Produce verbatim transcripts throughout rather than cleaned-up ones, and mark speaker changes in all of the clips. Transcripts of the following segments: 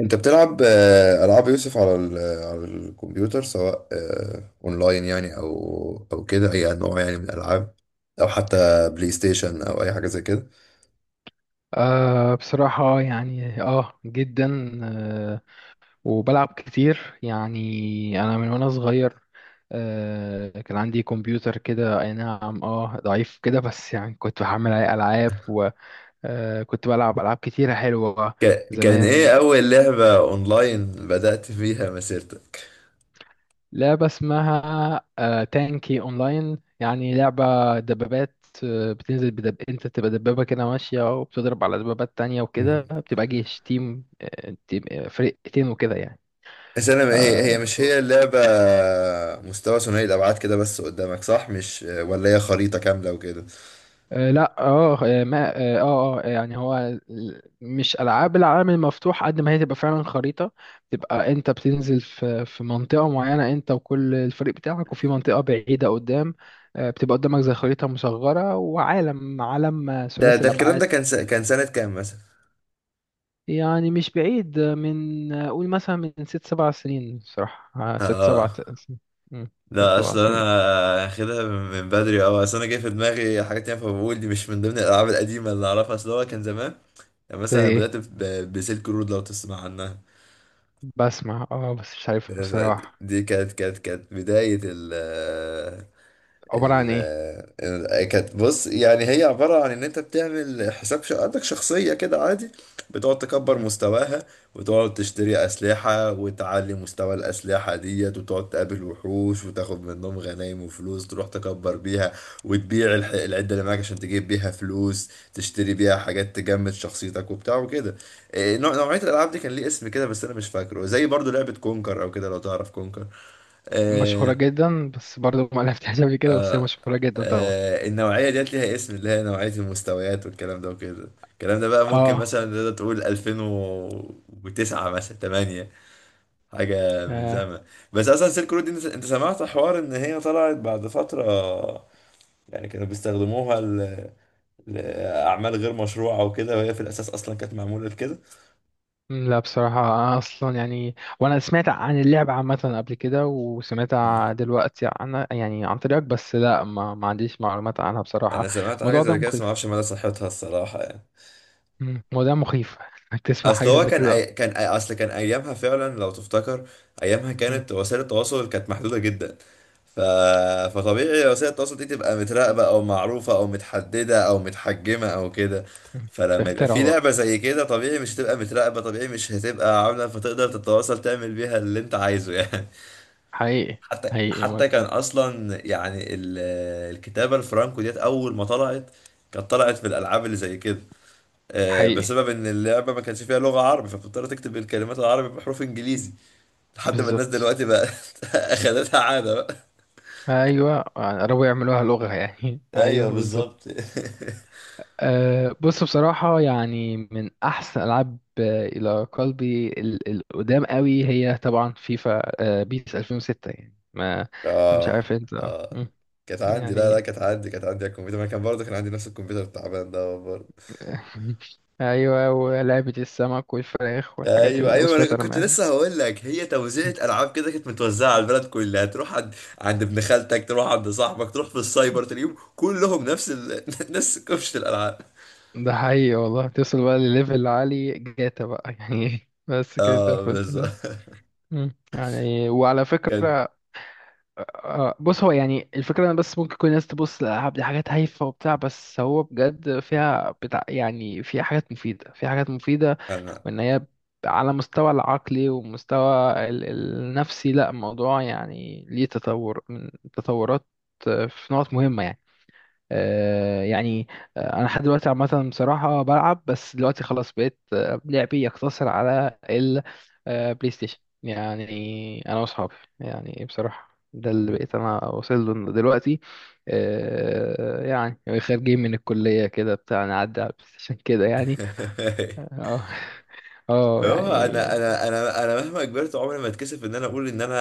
Speaker 1: انت بتلعب آه، العاب يوسف على ال- آه، على الكمبيوتر سواء آه، اونلاين يعني او او كده اي نوع يعني من الالعاب او حتى بلاي ستيشن او اي حاجه زي كده.
Speaker 2: أه، بصراحة يعني اه جدا أه وبلعب كتير يعني انا من وانا صغير. أه كان عندي كمبيوتر كده، اي نعم، اه ضعيف كده، بس يعني كنت بحمل عليه العاب وكنت بلعب العاب كتيرة حلوة
Speaker 1: ك- كان
Speaker 2: زمان.
Speaker 1: ايه اول لعبه اونلاين بدأت فيها مسيرتك؟
Speaker 2: لعبة اسمها أه تانكي اونلاين، يعني لعبة دبابات. آه، بتنزل بدب... انت تبقى دبابة كده ماشية، وبتضرب على دبابات تانية، وكده
Speaker 1: مم.
Speaker 2: بتبقى جيش، تيم آه، تيم آه، فرقتين وكده يعني.
Speaker 1: بس انا هي
Speaker 2: آه
Speaker 1: هي مش هي اللعبه، مستوى ثنائي الابعاد كده بس قدامك، صح؟ مش ولا هي خريطه كامله وكده؟
Speaker 2: آه، لا اه آه، ما اه اه آه، يعني هو ال- مش العاب العالم المفتوح قد ما هي تبقى فعلا خريطه، تبقى انت بتنزل في في منطقه معينه انت وكل الفريق بتاعك، وفي منطقه بعيده قدام. آه، بتبقى قدامك زي خريطه مصغره، وعالم عالم آه،
Speaker 1: ده
Speaker 2: ثلاثي
Speaker 1: ده الكلام
Speaker 2: الابعاد.
Speaker 1: ده كان س... كان سنه كام مثلا؟
Speaker 2: يعني مش بعيد، من آه، قول مثلا من ست سبع سنين، صراحه آه، ست سبع
Speaker 1: اه
Speaker 2: ت- سن- مم، ست
Speaker 1: لا،
Speaker 2: سبع
Speaker 1: اصل انا
Speaker 2: سنين.
Speaker 1: هاخدها من من بدري اوي، اصل انا جاي في دماغي حاجات تانية، فبقول دي مش من ضمن الالعاب القديمه اللي اعرفها. اصل هو كان زمان يعني
Speaker 2: زي
Speaker 1: مثلا
Speaker 2: ايه؟
Speaker 1: بدات ب- بسلك رود، لو تسمع عنها.
Speaker 2: بسمع، اه بس مش عارفها بصراحه.
Speaker 1: دي كانت كانت كانت بدايه ال،
Speaker 2: عباره عن ايه؟
Speaker 1: ال- كانت بص، يعني هي عبارة عن إن أنت بتعمل حساب ش- عندك شخصية كده عادي، بتقعد تكبر مستواها، وتقعد تشتري أسلحة وتعلي مستوى الأسلحة ديت، وتقعد تقابل وحوش وتاخد منهم غنايم وفلوس تروح تكبر بيها، وتبيع الح- العدة اللي معاك عشان تجيب بيها فلوس تشتري بيها حاجات تجمد شخصيتك وبتاع وكده. إيه، نوع- نوعية الألعاب دي كان ليه اسم كده بس أنا مش فاكره، زي برضو لعبة كونكر أو كده، لو تعرف كونكر.
Speaker 2: مشهورة
Speaker 1: آه،
Speaker 2: جدا، بس برضه ما لعبتهاش قبل كده، بس هي مشهورة جدا طبعا.
Speaker 1: آه، النوعية ديت ليها اسم، اللي هي نوعية المستويات والكلام ده وكده. الكلام ده بقى ممكن
Speaker 2: اه.
Speaker 1: مثلا تقدر تقول ألفين وتسعة مثلا تمنية، حاجة من
Speaker 2: آه،
Speaker 1: زمان. بس أصلا سيلك رود دي أنت أنت سمعت حوار إن هي طلعت بعد فترة يعني كانوا بيستخدموها ل... لأعمال غير مشروعة وكده، وهي في الأساس أصلا كانت معمولة لكده.
Speaker 2: مم، لا، بصراحة أنا أصلا يعني وأنا سمعت عن اللعبة عامة قبل كده، وسمعت
Speaker 1: مم.
Speaker 2: ع- دلوقتي عنها يعني عن طريقك، بس لا، ما, ما عنديش معلومات عنها بصراحة.
Speaker 1: أنا سمعت حاجة
Speaker 2: الموضوع ده
Speaker 1: زي كده بس
Speaker 2: مخيف.
Speaker 1: معرفش مدى صحتها الصراحة يعني.
Speaker 2: مم، الموضوع مخيف إنك تسمع
Speaker 1: اصل
Speaker 2: حاجة
Speaker 1: هو
Speaker 2: زي
Speaker 1: كان
Speaker 2: كده
Speaker 1: أي...
Speaker 2: أصلا.
Speaker 1: كان أي... اصل كان ايامها فعلا لو تفتكر، ايامها
Speaker 2: مم،
Speaker 1: كانت وسائل التواصل كانت محدوده جدا، ف... فطبيعي وسائل التواصل دي تبقى متراقبه او معروفه او متحدده او متحجمه او كده.
Speaker 2: مم.
Speaker 1: فلما يبقى
Speaker 2: فاخترعوا
Speaker 1: في
Speaker 2: بقى.
Speaker 1: لعبه زي كده طبيعي مش هتبقى متراقبه، طبيعي مش هتبقى عامله، فتقدر تتواصل تعمل بيها اللي انت عايزه يعني.
Speaker 2: حقيقي.
Speaker 1: حتى
Speaker 2: حقيقي.
Speaker 1: حتى كان اصلا يعني ال... الكتابه الفرانكو ديت اول ما طلعت، كانت طلعت في الالعاب اللي زي كده، آه،
Speaker 2: حقيقي.
Speaker 1: بسبب ان اللعبه ما كانش فيها لغه عربي فبتضطر تكتب الكلمات العربي بحروف انجليزي لحد ما الناس
Speaker 2: بالظبط.
Speaker 1: دلوقتي بقى اخدتها عاده بقى.
Speaker 2: أيوة، قربوا يعملوها لغة يعني أيوة،
Speaker 1: ايوه
Speaker 2: بالظبط.
Speaker 1: بالظبط.
Speaker 2: أه بص بصراحة، يعني من أحسن ألعاب آه، إلى قلبي، ال- القدام قوي هي طبعا فيفا. أه بيس ألفين وستة يعني، ما مش
Speaker 1: اه.
Speaker 2: عارف أنت، آه،
Speaker 1: اه،
Speaker 2: مم.
Speaker 1: كانت عندي، لا لا
Speaker 2: يعني
Speaker 1: كانت عندي، كانت عندي على الكمبيوتر، ما أنا كان برضه كان عندي نفس الكمبيوتر التعبان ده برضه.
Speaker 2: أيوة، ولعبة السمك والفراخ والحاجات
Speaker 1: ايوه
Speaker 2: ال...
Speaker 1: ايوه، انا
Speaker 2: وسبايدر
Speaker 1: كنت
Speaker 2: مان.
Speaker 1: لسه هقول لك هي توزيعة العاب كده كانت متوزعه على البلد كلها، تروح عند عند ابن خالتك، تروح عند صاحبك، تروح في السايبر تلاقيهم كلهم نفس ال... نفس كفشه الالعاب.
Speaker 2: ده حقيقي والله، توصل بقى لليفل عالي، جاتا بقى يعني بس كده انت
Speaker 1: اه
Speaker 2: قفلت ده.
Speaker 1: بالظبط.
Speaker 2: مم. يعني، وعلى
Speaker 1: كان
Speaker 2: فكرة، آه، آه، بص هو يعني الفكرة، أنا بس ممكن كل الناس تبص للألعاب دي حاجات هايفة وبتاع، بس هو بجد فيها بتاع يعني، فيها حاجات مفيدة، فيها حاجات مفيدة.
Speaker 1: انا.
Speaker 2: وإن هي على مستوى العقلي، ومستوى ال- النفسي، لا الموضوع يعني ليه تطور من تطورات، آه، في نقط مهمة يعني، آه، يعني آه، انا لحد دلوقتي عامه، بصراحه بلعب، بس دلوقتي خلاص بقيت، آه، لعبي يقتصر على البلاي ستيشن. يعني انا واصحابي، يعني بصراحه ده اللي
Speaker 1: مم.
Speaker 2: بقيت انا واصل له دلوقتي. آه، يعني خارجين من الكليه كده بتاع، نعدي على البلاي ستيشن كده يعني. اه. اه
Speaker 1: هو انا
Speaker 2: يعني،
Speaker 1: انا انا انا مهما كبرت عمري ما اتكسف ان انا اقول ان انا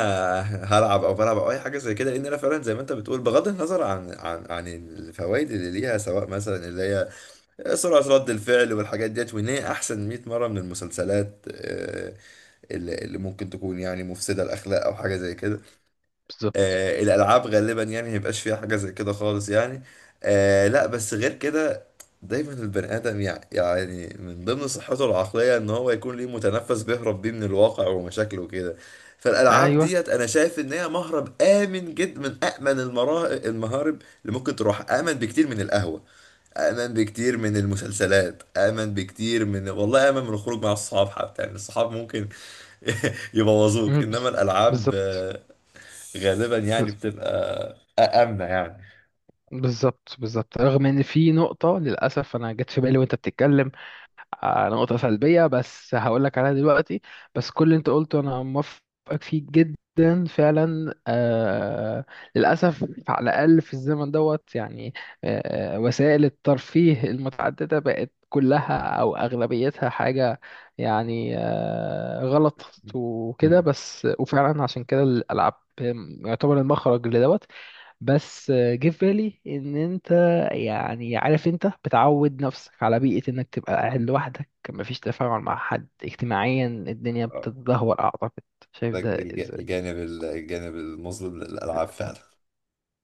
Speaker 1: هلعب او بلعب او اي حاجه زي كده، لان انا فعلا زي ما انت بتقول بغض النظر عن عن عن الفوائد اللي ليها، سواء مثلا اللي هي سرعه رد الفعل والحاجات ديت، وان هي احسن مئة مرة مره من المسلسلات، آه، اللي اللي ممكن تكون يعني مفسده الاخلاق او حاجه زي كده.
Speaker 2: بالظبط.
Speaker 1: آه الالعاب غالبا يعني ميبقاش فيها حاجه زي كده خالص يعني. آه لا، بس غير كده دايما البني ادم يع- يعني من ضمن صحته العقليه ان هو يكون ليه متنفس بيهرب بيه من الواقع ومشاكله وكده. فالالعاب
Speaker 2: ايوه.
Speaker 1: ديت انا شايف ان هي مهرب امن جدا، من امن المرا- المهارب اللي ممكن تروح، امن بكتير من القهوه، امن بكتير من المسلسلات، امن بكتير من، والله امن من الخروج مع الصحاب حتى يعني، الصحاب ممكن يبوظوك،
Speaker 2: مم،
Speaker 1: انما
Speaker 2: بز-
Speaker 1: الالعاب
Speaker 2: بالظبط.
Speaker 1: آه، غالبا يعني
Speaker 2: بز-
Speaker 1: بتبقى آمنة يعني.
Speaker 2: بالظبط، بالظبط، رغم ان في نقطه للاسف انا جت في بالي وانت بتتكلم، آه، نقطة سلبية بس هقول لك عليها دلوقتي. بس كل اللي انت قلته انا موافقك فيه جدا فعلا آه للأسف على الأقل في الزمن دوت يعني، آه وسائل الترفيه المتعددة بقت كلها أو أغلبيتها حاجة يعني آه غلط وكده،
Speaker 1: مم.
Speaker 2: بس وفعلا عشان كده الألعاب يعتبر المخرج لدوت. بس آه، جه في بالي ان انت يعني عارف، انت بتعود نفسك على بيئة انك تبقى قاعد لوحدك، مفيش تفاعل مع حد اجتماعيا، الدنيا
Speaker 1: آه،
Speaker 2: بتتدهور اعتقد. شايف
Speaker 1: ده
Speaker 2: ده
Speaker 1: الج-
Speaker 2: ازاي؟
Speaker 1: الجانب الجانب المظلم للألعاب فعلا.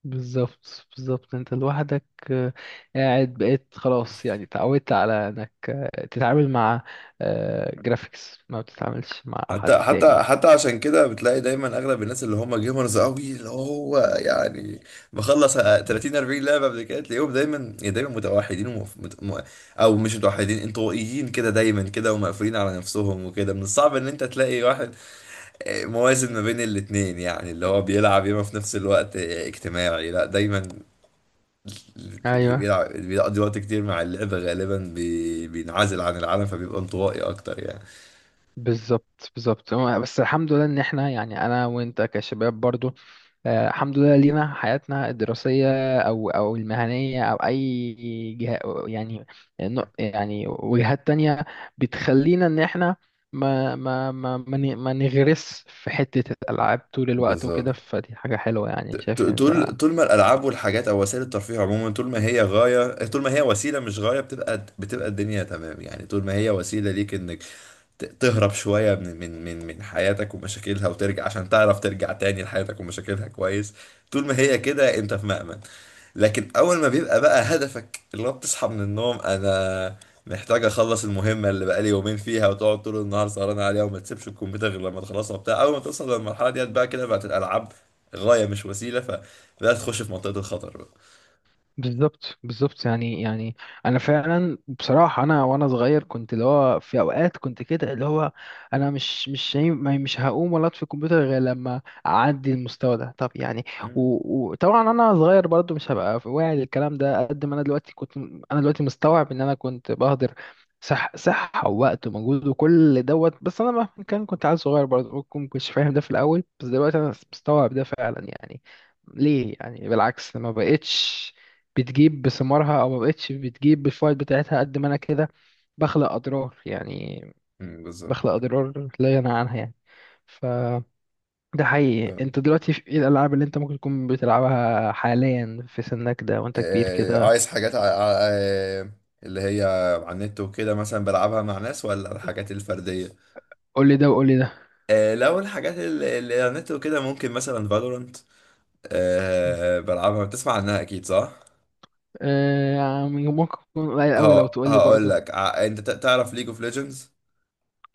Speaker 2: بالظبط، بالظبط، انت لوحدك. آه، قاعد بقيت خلاص يعني، تعودت على انك آه، تتعامل مع جرافيكس، ما بتتعاملش مع حد
Speaker 1: حتى حتى
Speaker 2: تاني.
Speaker 1: حتى عشان كده بتلاقي دايما اغلب الناس اللي هم جيمرز قوي، اللي هو يعني مخلص تلاتين 40 لعبه قبل كده، تلاقيهم دايما يعني دايما متوحدين ومف... مت... م... او مش متوحدين، انطوائيين كده دايما كده، ومقفولين على نفسهم وكده. من الصعب ان انت تلاقي واحد آه، موازن ما بين الاتنين، يعني اللي هو بيلعب ياما في نفس الوقت آه، اجتماعي، لا دايما اللي
Speaker 2: ايوه،
Speaker 1: بيلعب اللي بيقضي وقت كتير مع اللعبة غالبا بي... بينعزل عن العالم فبيبقى انطوائي أكتر يعني.
Speaker 2: بالظبط، بالظبط هو- بس الحمد لله ان احنا يعني انا وانت كشباب برضو، آه، الحمد لله لينا حياتنا الدراسية أو أو المهنية أو أي جهة، يعني نق- يعني وجهات تانية بتخلينا إن إحنا ما ما ما ما ن- ما نغرس في حتة الألعاب طول الوقت وكده،
Speaker 1: بالظبط.
Speaker 2: فدي حاجة حلوة يعني،
Speaker 1: ت-
Speaker 2: شايف إن ده
Speaker 1: طول طول ما الألعاب والحاجات أو وسائل الترفيه عموما، طول ما هي غاية، طول ما هي وسيلة مش غاية، بتبقى بتبقى الدنيا تمام يعني، طول ما هي وسيلة ليك إنك ت- تهرب شوية من من من من حياتك ومشاكلها وترجع عشان تعرف ترجع تاني لحياتك ومشاكلها كويس، طول ما هي كده أنت في مأمن. لكن اول ما بيبقى بقى هدفك اللي هو بتصحى من النوم، انا محتاج اخلص المهمه اللي بقالي يومين فيها وتقعد طول النهار سهران عليها وما تسيبش الكمبيوتر غير لما تخلصها وبتاع، اول ما توصل للمرحله ديت بقى كده بقت الالعاب غايه مش وسيله، فبدات تخش في منطقه الخطر بقى.
Speaker 2: بالظبط، بالظبط، يعني يعني انا فعلا بصراحه، انا وانا صغير كنت اللي هو، في اوقات كنت كده اللي هو، انا مش مش شايف- ما- مش هقوم ولا اطفي الكمبيوتر غير لما اعدي المستوى ده، طب يعني
Speaker 1: مم.
Speaker 2: و- وطبعا انا صغير برضو، مش هبقى واعي للكلام ده قد ما انا دلوقتي، كنت انا دلوقتي مستوعب ان انا كنت بهدر صح صحه ووقت ومجهود وكل دوت، بس انا مهما كان كنت عيل صغير برضو، ممكن ما كنتش فاهم ده في الاول، بس دلوقتي انا مستوعب ده فعلا يعني. ليه يعني، بالعكس ما بقتش بتجيب بثمارها، او ما بقتش بتجيب بالفوائد بتاعتها قد ما انا كده بخلق اضرار يعني،
Speaker 1: مم،
Speaker 2: بخلق
Speaker 1: بالظبط.
Speaker 2: اضرار لا ينهى عنها يعني. ف ده حقيقي،
Speaker 1: فاهم.
Speaker 2: انت دلوقتي في ايه الالعاب اللي انت ممكن تكون بتلعبها حاليا في سنك ده وانت كبير
Speaker 1: آه،
Speaker 2: كده؟
Speaker 1: عايز حاجات ع- ع- آه، اللي هي على النت وكده مثلا بلعبها مع ناس، ولا الحاجات الفرديه؟
Speaker 2: قول لي ده وقول لي ده.
Speaker 1: آه، لو الحاجات اللي اللي على النت وكده ممكن مثلا فالورانت، بلعبها؟ بتسمع عنها اكيد، صح؟
Speaker 2: آه يعني ممكن تكون قليل قوي لو
Speaker 1: ه-
Speaker 2: تقول لي
Speaker 1: هقول
Speaker 2: برضه.
Speaker 1: لك ع- انت ت- تعرف ليج اوف ليجندز؟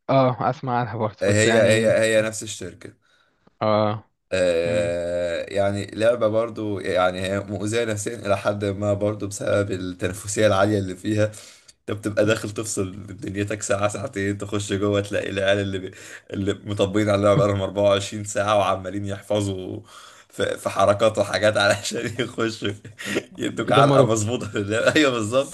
Speaker 2: اه، اسمع عنها برضه بس
Speaker 1: هي هي
Speaker 2: يعني.
Speaker 1: هي نفس الشركة.
Speaker 2: اه. مم.
Speaker 1: آه، يعني لعبة برضو، يعني هي مؤذية نفسيا إلى حد ما برضو بسبب التنافسية العالية اللي فيها. أنت بتبقى
Speaker 2: مم.
Speaker 1: داخل تفصل من دنيتك ساعة ساعتين، تخش جوه تلاقي العيال اللي بي... اللي مطبقين على اللعبة بقالهم 24 ساعة وعمالين يحفظوا في, في حركات وحاجات علشان يخشوا يدوك علقة
Speaker 2: يدمروك.
Speaker 1: مظبوطة في اللعبة. أيوه بالظبط.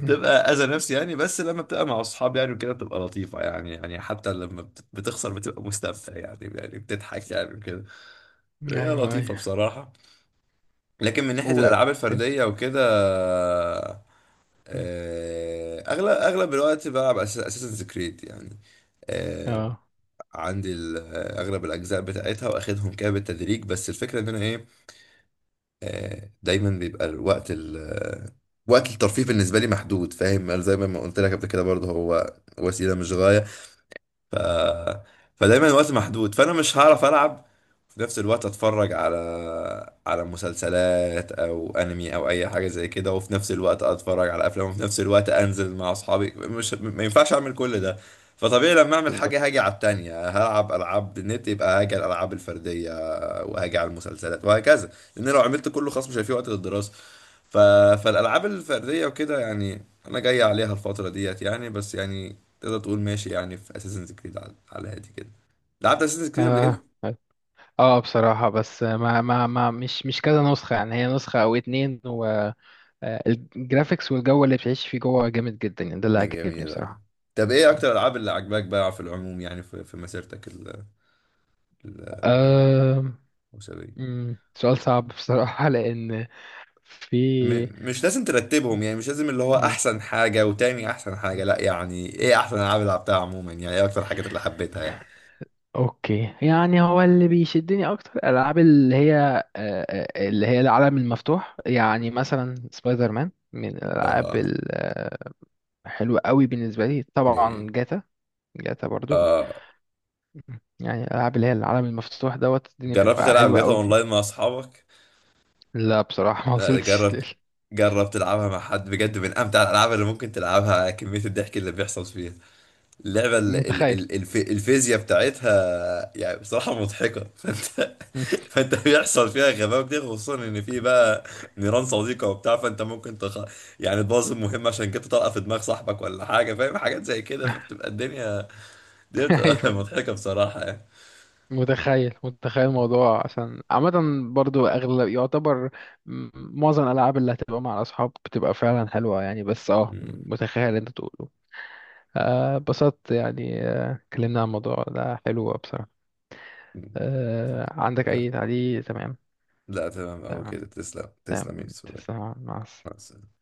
Speaker 2: مم.
Speaker 1: أذى نفسي يعني، بس لما بتبقى مع أصحاب يعني وكده بتبقى لطيفة يعني، يعني حتى لما بت- بتخسر بتبقى مستمتع يعني، يعني بتضحك يعني وكده. هي
Speaker 2: ايوه،
Speaker 1: لطيفة
Speaker 2: ايوه،
Speaker 1: بصراحة. لكن من ناحية
Speaker 2: و
Speaker 1: الألعاب الفردية وكده،
Speaker 2: مم.
Speaker 1: آه، أغلب أغلب الوقت بلعب أساسنز كريد يعني. آه،
Speaker 2: اه،
Speaker 1: عندي ال- آه، أغلب الأجزاء بتاعتها وأخدهم كده بالتدريج، بس الفكرة إن أنا إيه، آه، دايما بيبقى الوقت ال آه، وقت الترفيه بالنسبة لي محدود، فاهم؟ أنا زي ما قلت لك قبل كده برضه هو وسيلة مش غاية، فدايما الوقت محدود، فانا مش هعرف العب وفي نفس الوقت اتفرج على على مسلسلات او انمي او اي حاجه زي كده، وفي نفس الوقت اتفرج على افلام، وفي نفس الوقت انزل مع اصحابي، مش ما ينفعش اعمل كل ده. فطبيعي لما اعمل حاجه
Speaker 2: بالظبط.
Speaker 1: هاجي على التانية، هلعب العاب نت يبقى هاجي على الالعاب الفرديه وهاجي على المسلسلات وهكذا، لان لو عملت كله خلاص مش هيبقى في وقت للدراسه. ف... فالالعاب الفرديه وكده يعني انا جاي عليها الفتره ديت يعني، بس يعني تقدر تقول ماشي يعني في اساسنز كريد على على هادي كده. لعبت اساسن كريد قبل كده؟
Speaker 2: آه. اه بصراحة، بس ما ما ما مش مش كذا نسخة يعني، هي نسخة او اتنين. والجرافيكس والجو اللي بتعيش فيه جوه جامد جدا يعني، ده اللي عجبني
Speaker 1: جميل اه.
Speaker 2: بصراحة.
Speaker 1: طب ايه
Speaker 2: مم.
Speaker 1: اكتر الالعاب اللي عجباك بقى في العموم يعني في, في مسيرتك ال-
Speaker 2: آم،
Speaker 1: الاسريه؟
Speaker 2: مم، سؤال صعب بصراحة، لأن في
Speaker 1: م- مش لازم ترتبهم يعني، مش لازم اللي هو
Speaker 2: مم،
Speaker 1: احسن حاجه وتاني احسن حاجه،
Speaker 2: مم،
Speaker 1: لا يعني
Speaker 2: مم.
Speaker 1: ايه احسن العاب اللي لعبتها عموما، يعني ايه اكتر الحاجات اللي حبيتها يعني.
Speaker 2: اوكي يعني، هو اللي بيشدني اكتر الالعاب اللي هي آه، آه، اللي هي العالم المفتوح، يعني مثلا سبايدر مان من الالعاب
Speaker 1: اه
Speaker 2: الحلوة قوي بالنسبة لي، طبعا
Speaker 1: جميل
Speaker 2: جاتا. جاتا برضو.
Speaker 1: اه.
Speaker 2: يعني الألعاب اللي هي العالم المفتوح دوت، الدنيا
Speaker 1: جربت
Speaker 2: بتبقى
Speaker 1: تلعب
Speaker 2: حلوة
Speaker 1: جاتا
Speaker 2: أوي
Speaker 1: اونلاين
Speaker 2: فيه.
Speaker 1: مع اصحابك؟
Speaker 2: لا بصراحة ما
Speaker 1: لا
Speaker 2: وصلتش
Speaker 1: جربت،
Speaker 2: لل-
Speaker 1: جربت تلعبها مع حد بجد، من امتع الالعاب اللي ممكن تلعبها. كميه الضحك اللي بيحصل فيها، اللعبة ال- ال-
Speaker 2: متخيل.
Speaker 1: ال- الف- الفيزياء بتاعتها يعني بصراحة مضحكة. فانت،
Speaker 2: مم.
Speaker 1: فانت بيحصل فيها غباء كتير، خصوصا ان في بقى نيران صديقة وبتاع، فانت ممكن تخ... يعني تبوظ المهمة عشان كده طلقة في دماغ صاحبك ولا حاجة، فاهم؟ حاجات زي كده، فبتبقى الدنيا دي بتبقى
Speaker 2: أيوه.
Speaker 1: مضحكة بصراحة يعني.
Speaker 2: متخيل، متخيل الموضوع، عشان عامة برضو أغلب يعتبر م- معظم الألعاب اللي هتبقى مع الأصحاب بتبقى فعلا حلوة يعني، بس اه
Speaker 1: مم.
Speaker 2: متخيل اللي أنت تقوله. آه، اتبسطت يعني، آه، اتكلمنا عن الموضوع ده، حلو بصراحة.
Speaker 1: مم.
Speaker 2: آه، عندك أي تعليق؟ تمام.
Speaker 1: لا تمام أوي
Speaker 2: تمام.
Speaker 1: كده، تسلم
Speaker 2: تمام.
Speaker 1: تسلم يا يوسف والله.
Speaker 2: تسلم، مع السلامة.
Speaker 1: مع السلامة.